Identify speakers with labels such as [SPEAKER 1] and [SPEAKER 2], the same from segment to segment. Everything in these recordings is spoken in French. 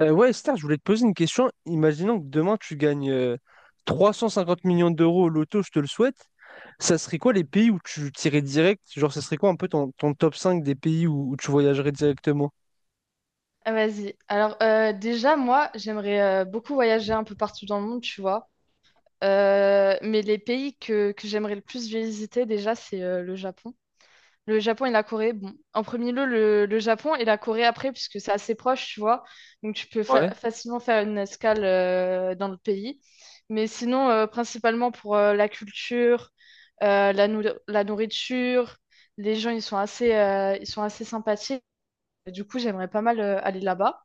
[SPEAKER 1] Ouais, Esther, je voulais te poser une question. Imaginons que demain tu gagnes 350 millions d'euros au loto, je te le souhaite. Ça serait quoi les pays où tu tirais direct? Genre, ça serait quoi un peu ton top 5 des pays où tu voyagerais directement?
[SPEAKER 2] Ah, vas-y. Alors, déjà, moi, j'aimerais beaucoup voyager un peu partout dans le monde, tu vois. Mais les pays que j'aimerais le plus visiter, déjà, c'est le Japon. Le Japon et la Corée. Bon, en premier lieu, le Japon et la Corée après, puisque c'est assez proche, tu vois. Donc, tu peux
[SPEAKER 1] Ouais.
[SPEAKER 2] facilement faire une escale dans le pays. Mais sinon, principalement pour la culture, euh, la, nou- la nourriture, les gens, ils sont assez sympathiques. Du coup, j'aimerais pas mal aller là-bas.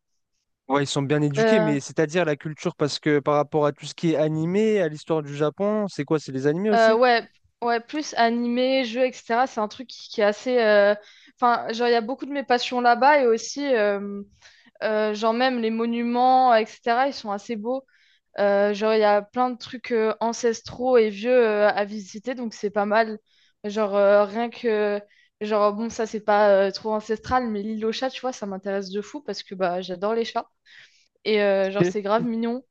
[SPEAKER 1] Ouais, ils sont bien éduqués,
[SPEAKER 2] Euh,
[SPEAKER 1] mais c'est-à-dire la culture, parce que par rapport à tout ce qui est animé, à l'histoire du Japon, c'est quoi? C'est les animés aussi?
[SPEAKER 2] Ouais, ouais, plus animé, jeu, etc. C'est un truc qui est assez. Enfin, genre, il y a beaucoup de mes passions là-bas et aussi, genre, même les monuments, etc., ils sont assez beaux. Genre, il y a plein de trucs ancestraux et vieux à visiter, donc c'est pas mal. Genre, rien que. Genre, bon, ça, c'est pas trop ancestral, mais l'île aux chats, tu vois, ça m'intéresse de fou parce que bah, j'adore les chats. Et genre,
[SPEAKER 1] C'est-
[SPEAKER 2] c'est grave mignon.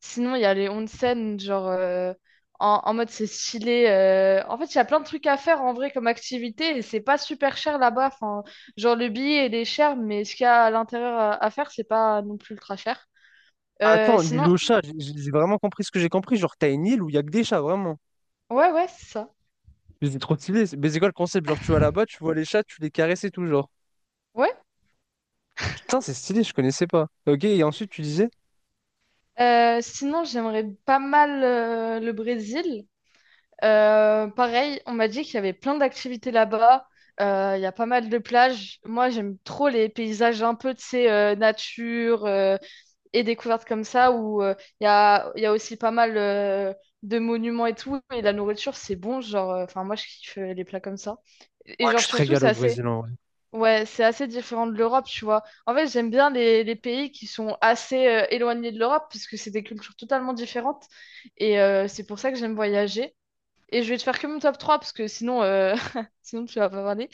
[SPEAKER 2] Sinon, il y a les onsen, en, en mode c'est stylé. En fait, il y a plein de trucs à faire en vrai comme activité et c'est pas super cher là-bas. Enfin, genre, le billet il est cher, mais ce qu'il y a à l'intérieur à faire, c'est pas non plus ultra cher. Euh,
[SPEAKER 1] Attends, l'île
[SPEAKER 2] sinon,
[SPEAKER 1] aux chats, j'ai vraiment compris ce que j'ai compris. Genre, t'as une île où il y a que des chats, vraiment.
[SPEAKER 2] ouais, ouais, c'est ça.
[SPEAKER 1] Mais c'est trop stylé. Mais c'est quoi le concept? Genre, tu vas là-bas, tu vois les chats, tu les caresses et tout, genre.
[SPEAKER 2] Ouais.
[SPEAKER 1] Putain, c'est stylé, je connaissais pas. Ok, et ensuite tu disais?
[SPEAKER 2] Sinon, j'aimerais pas mal le Brésil. Pareil, on m'a dit qu'il y avait plein d'activités là-bas. Il y a pas mal de plages. Moi, j'aime trop les paysages un peu, de ces nature et découvertes comme ça, où il y a aussi pas mal de monuments et tout. Et la nourriture, c'est bon. Genre, enfin, moi, je kiffe les plats comme ça. Et
[SPEAKER 1] Ouais,
[SPEAKER 2] genre,
[SPEAKER 1] tu te
[SPEAKER 2] surtout,
[SPEAKER 1] régales
[SPEAKER 2] c'est
[SPEAKER 1] au
[SPEAKER 2] assez,
[SPEAKER 1] Brésil en vrai.
[SPEAKER 2] ouais, c'est assez différent de l'Europe, tu vois. En fait, j'aime bien les pays qui sont assez éloignés de l'Europe, parce que c'est des cultures totalement différentes. Et c'est pour ça que j'aime voyager. Et je vais te faire que mon top 3 parce que sinon, sinon tu vas pas parler.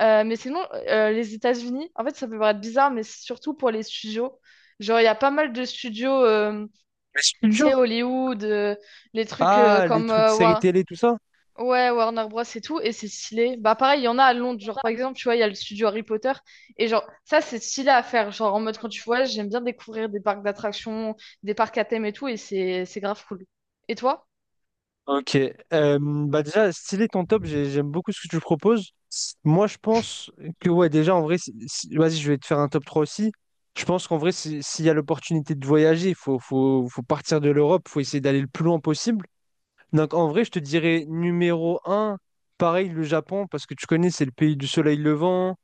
[SPEAKER 2] Mais sinon, les États-Unis, en fait, ça peut paraître bizarre, mais c'est surtout pour les studios. Genre, il y a pas mal de studios,
[SPEAKER 1] Mais c'est plus
[SPEAKER 2] tu sais,
[SPEAKER 1] dur.
[SPEAKER 2] Hollywood, les trucs
[SPEAKER 1] Ah, les trucs séries télé, tout ça?
[SPEAKER 2] Ouais, Warner Bros. Et tout, et c'est stylé. Bah, pareil, il y en a à Londres. Genre, par exemple, tu vois, il y a le studio Harry Potter. Et genre, ça, c'est stylé à faire. Genre, en mode, quand tu voyages, j'aime bien découvrir des parcs d'attractions, des parcs à thème et tout, et c'est grave cool. Et toi?
[SPEAKER 1] Ok. Bah déjà, stylé ton top, j'aime beaucoup ce que tu proposes. Moi, je pense que, ouais, déjà, en vrai, vas-y, je vais te faire un top 3 aussi. Je pense qu'en vrai, s'il y a l'opportunité de voyager, il faut partir de l'Europe, il faut essayer d'aller le plus loin possible. Donc, en vrai, je te dirais numéro 1 pareil, le Japon, parce que tu connais, c'est le pays du soleil levant.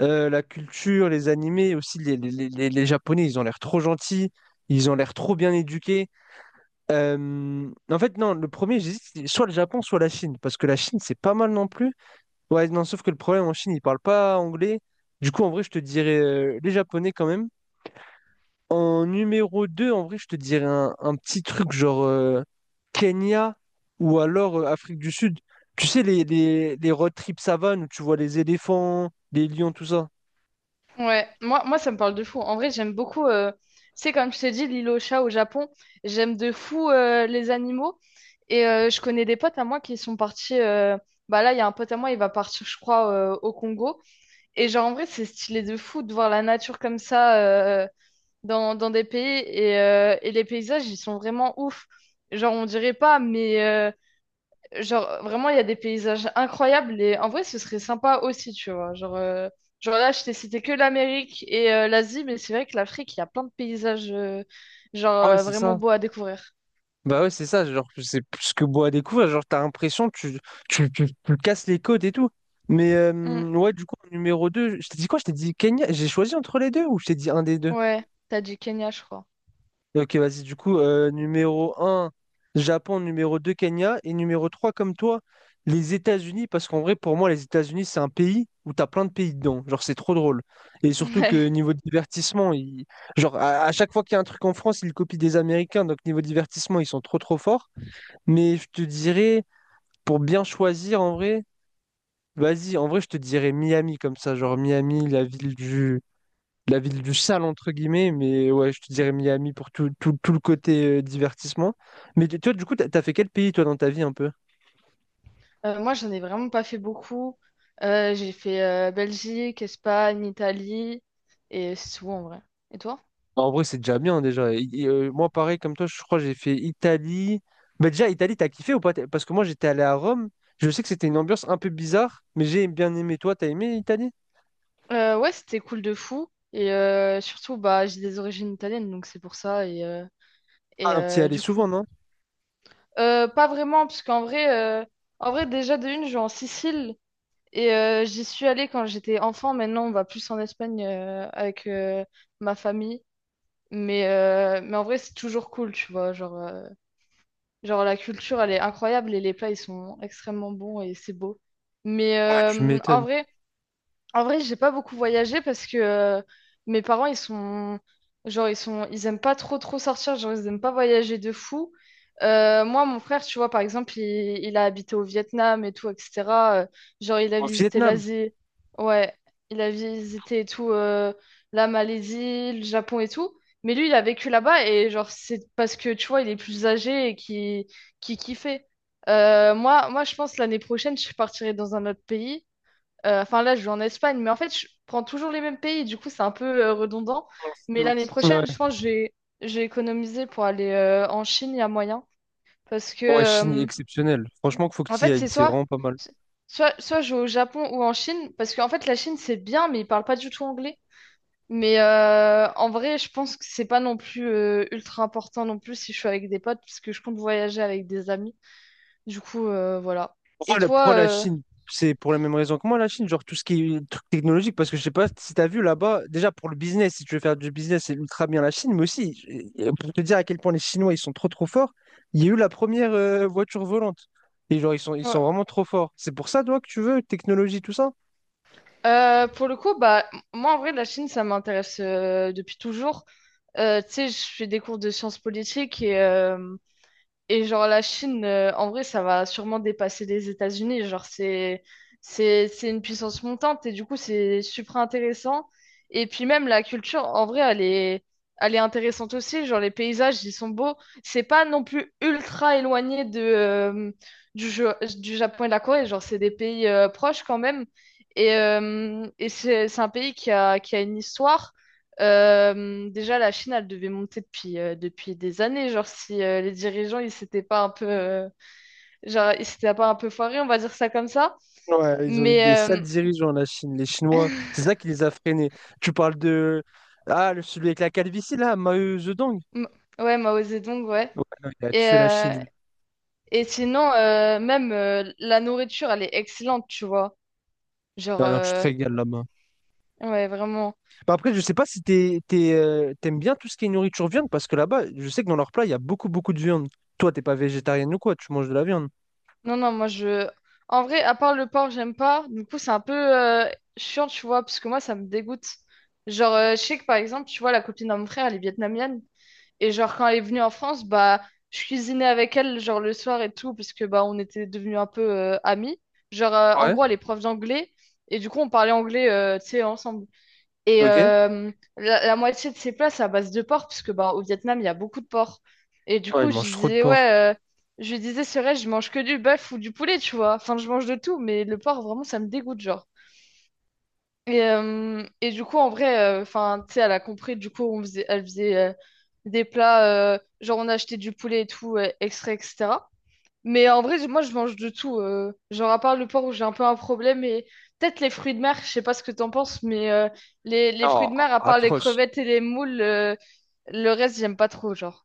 [SPEAKER 1] La culture, les animés aussi, les Japonais, ils ont l'air trop gentils, ils ont l'air trop bien éduqués. En fait, non, le premier, j'hésite, c'est soit le Japon, soit la Chine, parce que la Chine, c'est pas mal non plus. Ouais, non, sauf que le problème en Chine, ils parlent pas anglais. Du coup, en vrai, je te dirais les Japonais quand même. En numéro 2 en vrai, je te dirais un petit truc genre Kenya ou alors Afrique du Sud. Tu sais, les road trips savanes où tu vois les éléphants, les lions, tout ça.
[SPEAKER 2] Ouais, moi ça me parle de fou. En vrai, j'aime beaucoup, tu sais, comme je t'ai dit, l'île aux chats au Japon, j'aime de fou les animaux. Et je connais des potes à moi qui sont partis. Bah là, il y a un pote à moi, il va partir, je crois, au Congo. Et genre, en vrai, c'est stylé de fou de voir la nature comme ça dans, dans des pays. Et les paysages, ils sont vraiment ouf. Genre, on dirait pas, mais vraiment, il y a des paysages incroyables et en vrai, ce serait sympa aussi, tu vois. Genre là, je t'ai cité que l'Amérique et l'Asie, mais c'est vrai que l'Afrique, il y a plein de paysages,
[SPEAKER 1] Ah ouais, c'est
[SPEAKER 2] vraiment
[SPEAKER 1] ça.
[SPEAKER 2] beaux à découvrir.
[SPEAKER 1] Bah ouais, c'est ça, genre que c'est plus que beau à découvrir, genre t'as l'impression que tu casses les côtes et tout. Mais
[SPEAKER 2] Mm.
[SPEAKER 1] ouais, du coup, en numéro 2 je t'ai dit quoi? Je t'ai dit Kenya, j'ai choisi entre les deux ou je t'ai dit un des deux?
[SPEAKER 2] Ouais, t'as dit Kenya, je crois.
[SPEAKER 1] Ok, vas-y, du coup, numéro 1 Japon, numéro 2 Kenya, et numéro 3 comme toi, les États-Unis, parce qu'en vrai, pour moi, les États-Unis, c'est un pays où t'as plein de pays dedans, genre c'est trop drôle. Et surtout que
[SPEAKER 2] Ouais.
[SPEAKER 1] niveau divertissement, genre à chaque fois qu'il y a un truc en France, ils copient des Américains, donc niveau divertissement, ils sont trop forts. Mais je te dirais, pour bien choisir en vrai, vas-y, en vrai, je te dirais Miami comme ça, genre Miami, la ville du sale, entre guillemets, mais ouais, je te dirais Miami pour tout le côté divertissement. Mais toi, du coup, t'as fait quel pays, toi, dans ta vie un peu?
[SPEAKER 2] Moi, j'en ai vraiment pas fait beaucoup. J'ai fait Belgique, Espagne, Italie et c'est tout en vrai. Et toi?
[SPEAKER 1] En vrai, c'est déjà bien, déjà. Moi, pareil, comme toi, je crois que j'ai fait Italie. Bah, déjà, Italie, t'as kiffé ou pas? Parce que moi, j'étais allé à Rome, je sais que c'était une ambiance un peu bizarre, mais j'ai bien aimé. Toi, t'as aimé Italie?
[SPEAKER 2] Ouais, c'était cool de fou. Et surtout, bah, j'ai des origines italiennes, donc c'est pour ça.
[SPEAKER 1] Ah,
[SPEAKER 2] Et
[SPEAKER 1] donc t'y
[SPEAKER 2] euh,
[SPEAKER 1] allais
[SPEAKER 2] du
[SPEAKER 1] souvent,
[SPEAKER 2] coup.
[SPEAKER 1] non?
[SPEAKER 2] Pas vraiment, parce qu'en euh, vrai, déjà de une, je vais en Sicile et j'y suis allée quand j'étais enfant. Maintenant, on va plus en Espagne avec ma famille. Mais en vrai, c'est toujours cool, tu vois. Genre, la culture, elle est incroyable et les plats, ils sont extrêmement bons et c'est beau. Mais
[SPEAKER 1] Ouais, tu
[SPEAKER 2] euh, en
[SPEAKER 1] m'étonnes.
[SPEAKER 2] vrai, en vrai, j'ai pas beaucoup voyagé parce que mes parents, ils sont, ils aiment pas trop trop sortir, genre, ils aiment pas voyager de fou. Moi, mon frère, tu vois, par exemple, il a habité au Vietnam et tout, etc. Euh, genre, il a
[SPEAKER 1] Au
[SPEAKER 2] visité
[SPEAKER 1] Vietnam.
[SPEAKER 2] l'Asie, ouais, il a visité et tout, la Malaisie, le Japon et tout. Mais lui, il a vécu là-bas et genre, c'est parce que, tu vois, il est plus âgé qui kiffait. Moi, je pense l'année prochaine, je partirai dans un autre pays. Enfin, là, je vais en Espagne, mais en fait, je prends toujours les mêmes pays, du coup, c'est un peu redondant. Mais l'année
[SPEAKER 1] Ouais.
[SPEAKER 2] prochaine, je pense que j'ai économisé pour aller en Chine, il y a moyen. Parce que,
[SPEAKER 1] Ouais, Chine est
[SPEAKER 2] euh,
[SPEAKER 1] exceptionnelle. Franchement, qu'il faut que
[SPEAKER 2] En
[SPEAKER 1] tu y
[SPEAKER 2] fait,
[SPEAKER 1] ailles.
[SPEAKER 2] c'est
[SPEAKER 1] C'est
[SPEAKER 2] soit,
[SPEAKER 1] vraiment pas mal.
[SPEAKER 2] soit, soit je vais au Japon ou en Chine, parce qu'en fait, la Chine, c'est bien, mais ils parlent pas du tout anglais. Mais en vrai, je pense que c'est pas non plus ultra important non plus si je suis avec des potes, puisque je compte voyager avec des amis. Du coup, voilà. Et toi,
[SPEAKER 1] Pourquoi la Chine? C'est pour la même raison que moi, la Chine. Genre, tout ce qui est truc technologique. Parce que je sais pas si t'as vu là-bas. Déjà, pour le business, si tu veux faire du business, c'est ultra bien la Chine. Mais aussi, pour te dire à quel point les Chinois, ils sont trop forts, il y a eu la première voiture volante. Et genre, ils sont
[SPEAKER 2] ouais.
[SPEAKER 1] vraiment trop forts. C'est pour ça, toi, que tu veux, technologie, tout ça?
[SPEAKER 2] Pour le coup, bah, moi en vrai, la Chine, ça m'intéresse depuis toujours. Tu sais, je fais des cours de sciences politiques et genre la Chine, en vrai, ça va sûrement dépasser les États-Unis. Genre c'est une puissance montante et du coup c'est super intéressant. Et puis même la culture, en vrai, elle est intéressante aussi. Genre les paysages, ils sont beaux. C'est pas non plus ultra éloigné de du Japon et de la Corée. Genre c'est des pays proches quand même. Et c'est un pays qui a une histoire. Déjà, la Chine, elle devait monter depuis des années. Genre, si les dirigeants, ils s'étaient pas un peu foirés, on va dire ça comme ça.
[SPEAKER 1] Ouais, ils ont eu des
[SPEAKER 2] Mais euh,
[SPEAKER 1] sales dirigeants, la Chine. Les Chinois, c'est ça qui les a freinés. Tu parles de. Ah, celui avec la calvitie, là, Mao Zedong.
[SPEAKER 2] m- ouais, Mao Zedong, ouais.
[SPEAKER 1] Ouais, non, il a
[SPEAKER 2] Et,
[SPEAKER 1] tué la
[SPEAKER 2] euh,
[SPEAKER 1] Chine. Lui.
[SPEAKER 2] et sinon, même la nourriture, elle est excellente, tu vois. Genre,
[SPEAKER 1] Non, non, tu te
[SPEAKER 2] euh,
[SPEAKER 1] régales là-bas.
[SPEAKER 2] ouais, vraiment.
[SPEAKER 1] Bah, après, je sais pas si t'aimes bien tout ce qui est nourriture viande, parce que là-bas, je sais que dans leur plat, il y a beaucoup de viande. Toi, t'es pas végétarienne ou quoi, tu manges de la viande.
[SPEAKER 2] Non, non, moi, je. En vrai, à part le porc, j'aime pas. Du coup, c'est un peu chiant, tu vois, parce que moi, ça me dégoûte. Je sais que par exemple, tu vois, la copine à mon frère, elle est vietnamienne. Et genre, quand elle est venue en France, bah, je cuisinais avec elle, genre, le soir et tout, parce que, bah, on était devenus un peu amis. En
[SPEAKER 1] Ouais,
[SPEAKER 2] gros, elle est prof d'anglais, et du coup, on parlait anglais, tu sais, ensemble. Et
[SPEAKER 1] ok.
[SPEAKER 2] euh, la moitié de ses plats, c'est à base de porc, parce que, bah, au Vietnam, il y a beaucoup de porc. Et du
[SPEAKER 1] Ouais, ils
[SPEAKER 2] coup, je lui
[SPEAKER 1] mangent trop de
[SPEAKER 2] disais,
[SPEAKER 1] porc.
[SPEAKER 2] ouais, je lui disais, c'est vrai, je mange que du bœuf ou du poulet, tu vois. Enfin, je mange de tout, mais le porc, vraiment, ça me dégoûte, genre. Et du coup, en vrai, enfin, tu sais, elle a compris. Du coup, elle faisait des plats, genre on achetait du poulet et tout, extrait, etc. Mais en vrai, moi, je mange de tout. Genre, à part le porc où j'ai un peu un problème, et peut-être les fruits de mer, je sais pas ce que t'en penses, mais les fruits
[SPEAKER 1] Oh,
[SPEAKER 2] de mer, à part les
[SPEAKER 1] atroce.
[SPEAKER 2] crevettes et les moules, le reste, j'aime pas trop, genre.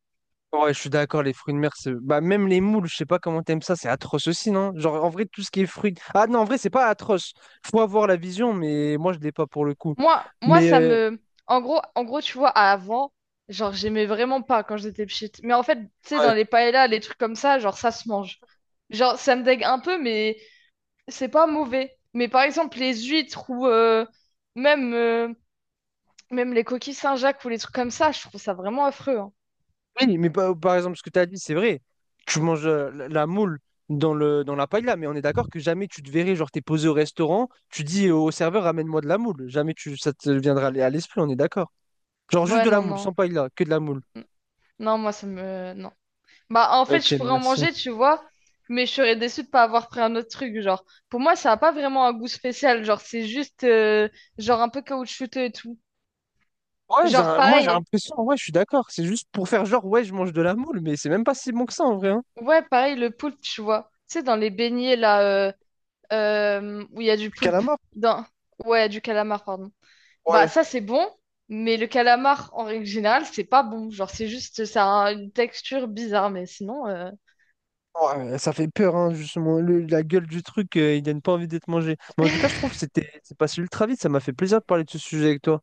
[SPEAKER 1] Ouais, je suis d'accord, les fruits de mer, c'est... Bah, même les moules, je sais pas comment t'aimes ça, c'est atroce aussi, non? Genre, en vrai, tout ce qui est fruits... Ah non, en vrai, c'est pas atroce. Faut avoir la vision, mais moi, je l'ai pas pour le coup.
[SPEAKER 2] Moi, moi,
[SPEAKER 1] Mais,
[SPEAKER 2] ça me. En gros, tu vois, avant, genre, j'aimais vraiment pas quand j'étais petite. Mais en fait, tu sais, dans
[SPEAKER 1] ouais.
[SPEAKER 2] les paellas, les trucs comme ça, genre, ça se mange. Genre, ça me dégue un peu, mais c'est pas mauvais. Mais par exemple, les huîtres ou même, euh, même les coquilles Saint-Jacques ou les trucs comme ça, je trouve ça vraiment affreux, hein.
[SPEAKER 1] Oui, mais par exemple, ce que t'as dit, c'est vrai. Tu manges la moule dans la paella, mais on est d'accord que jamais tu te verrais, genre, t'es posé au restaurant, tu dis au serveur, ramène-moi de la moule. Jamais tu... ça te viendra à l'esprit, on est d'accord. Genre, juste
[SPEAKER 2] Ouais,
[SPEAKER 1] de la
[SPEAKER 2] non,
[SPEAKER 1] moule,
[SPEAKER 2] non.
[SPEAKER 1] sans paella, que de la moule.
[SPEAKER 2] N- Non, moi, ça me. Non. Bah, en fait,
[SPEAKER 1] Ok,
[SPEAKER 2] je pourrais en
[SPEAKER 1] merci.
[SPEAKER 2] manger, tu vois, mais je serais déçue de pas avoir pris un autre truc, genre. Pour moi, ça a pas vraiment un goût spécial, genre, c'est juste, genre, un peu caoutchouteux et tout.
[SPEAKER 1] Ouais,
[SPEAKER 2] Genre,
[SPEAKER 1] moi j'ai
[SPEAKER 2] pareil,
[SPEAKER 1] l'impression, ouais, je suis d'accord. C'est juste pour faire genre, ouais, je mange de la moule, mais c'est même pas si bon que ça en vrai. Hein.
[SPEAKER 2] ouais, pareil, le poulpe, tu vois. Tu sais, dans les beignets, là, euh, où il y a du
[SPEAKER 1] Le
[SPEAKER 2] poulpe.
[SPEAKER 1] Calamar,
[SPEAKER 2] Dans... Ouais, du calamar, pardon. Bah,
[SPEAKER 1] ouais.
[SPEAKER 2] ça, c'est bon, mais le calamar, en règle générale, c'est pas bon. Genre, c'est juste, ça a une texture bizarre, mais sinon,
[SPEAKER 1] Ouais, ça fait peur, hein, justement. La gueule du truc, il donne pas envie d'être mangé. Mais en tout cas, je trouve que c'est passé ultra vite. Ça m'a fait plaisir de parler de ce sujet avec toi.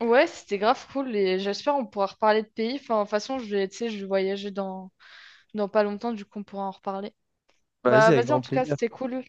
[SPEAKER 2] ouais, c'était grave cool, et j'espère on pourra reparler de pays. Enfin, de toute façon, je vais, tu sais, je vais voyager dans pas longtemps, du coup, on pourra en reparler.
[SPEAKER 1] Vas-y,
[SPEAKER 2] Bah,
[SPEAKER 1] avec
[SPEAKER 2] vas-y, en
[SPEAKER 1] grand
[SPEAKER 2] tout cas,
[SPEAKER 1] plaisir.
[SPEAKER 2] c'était cool.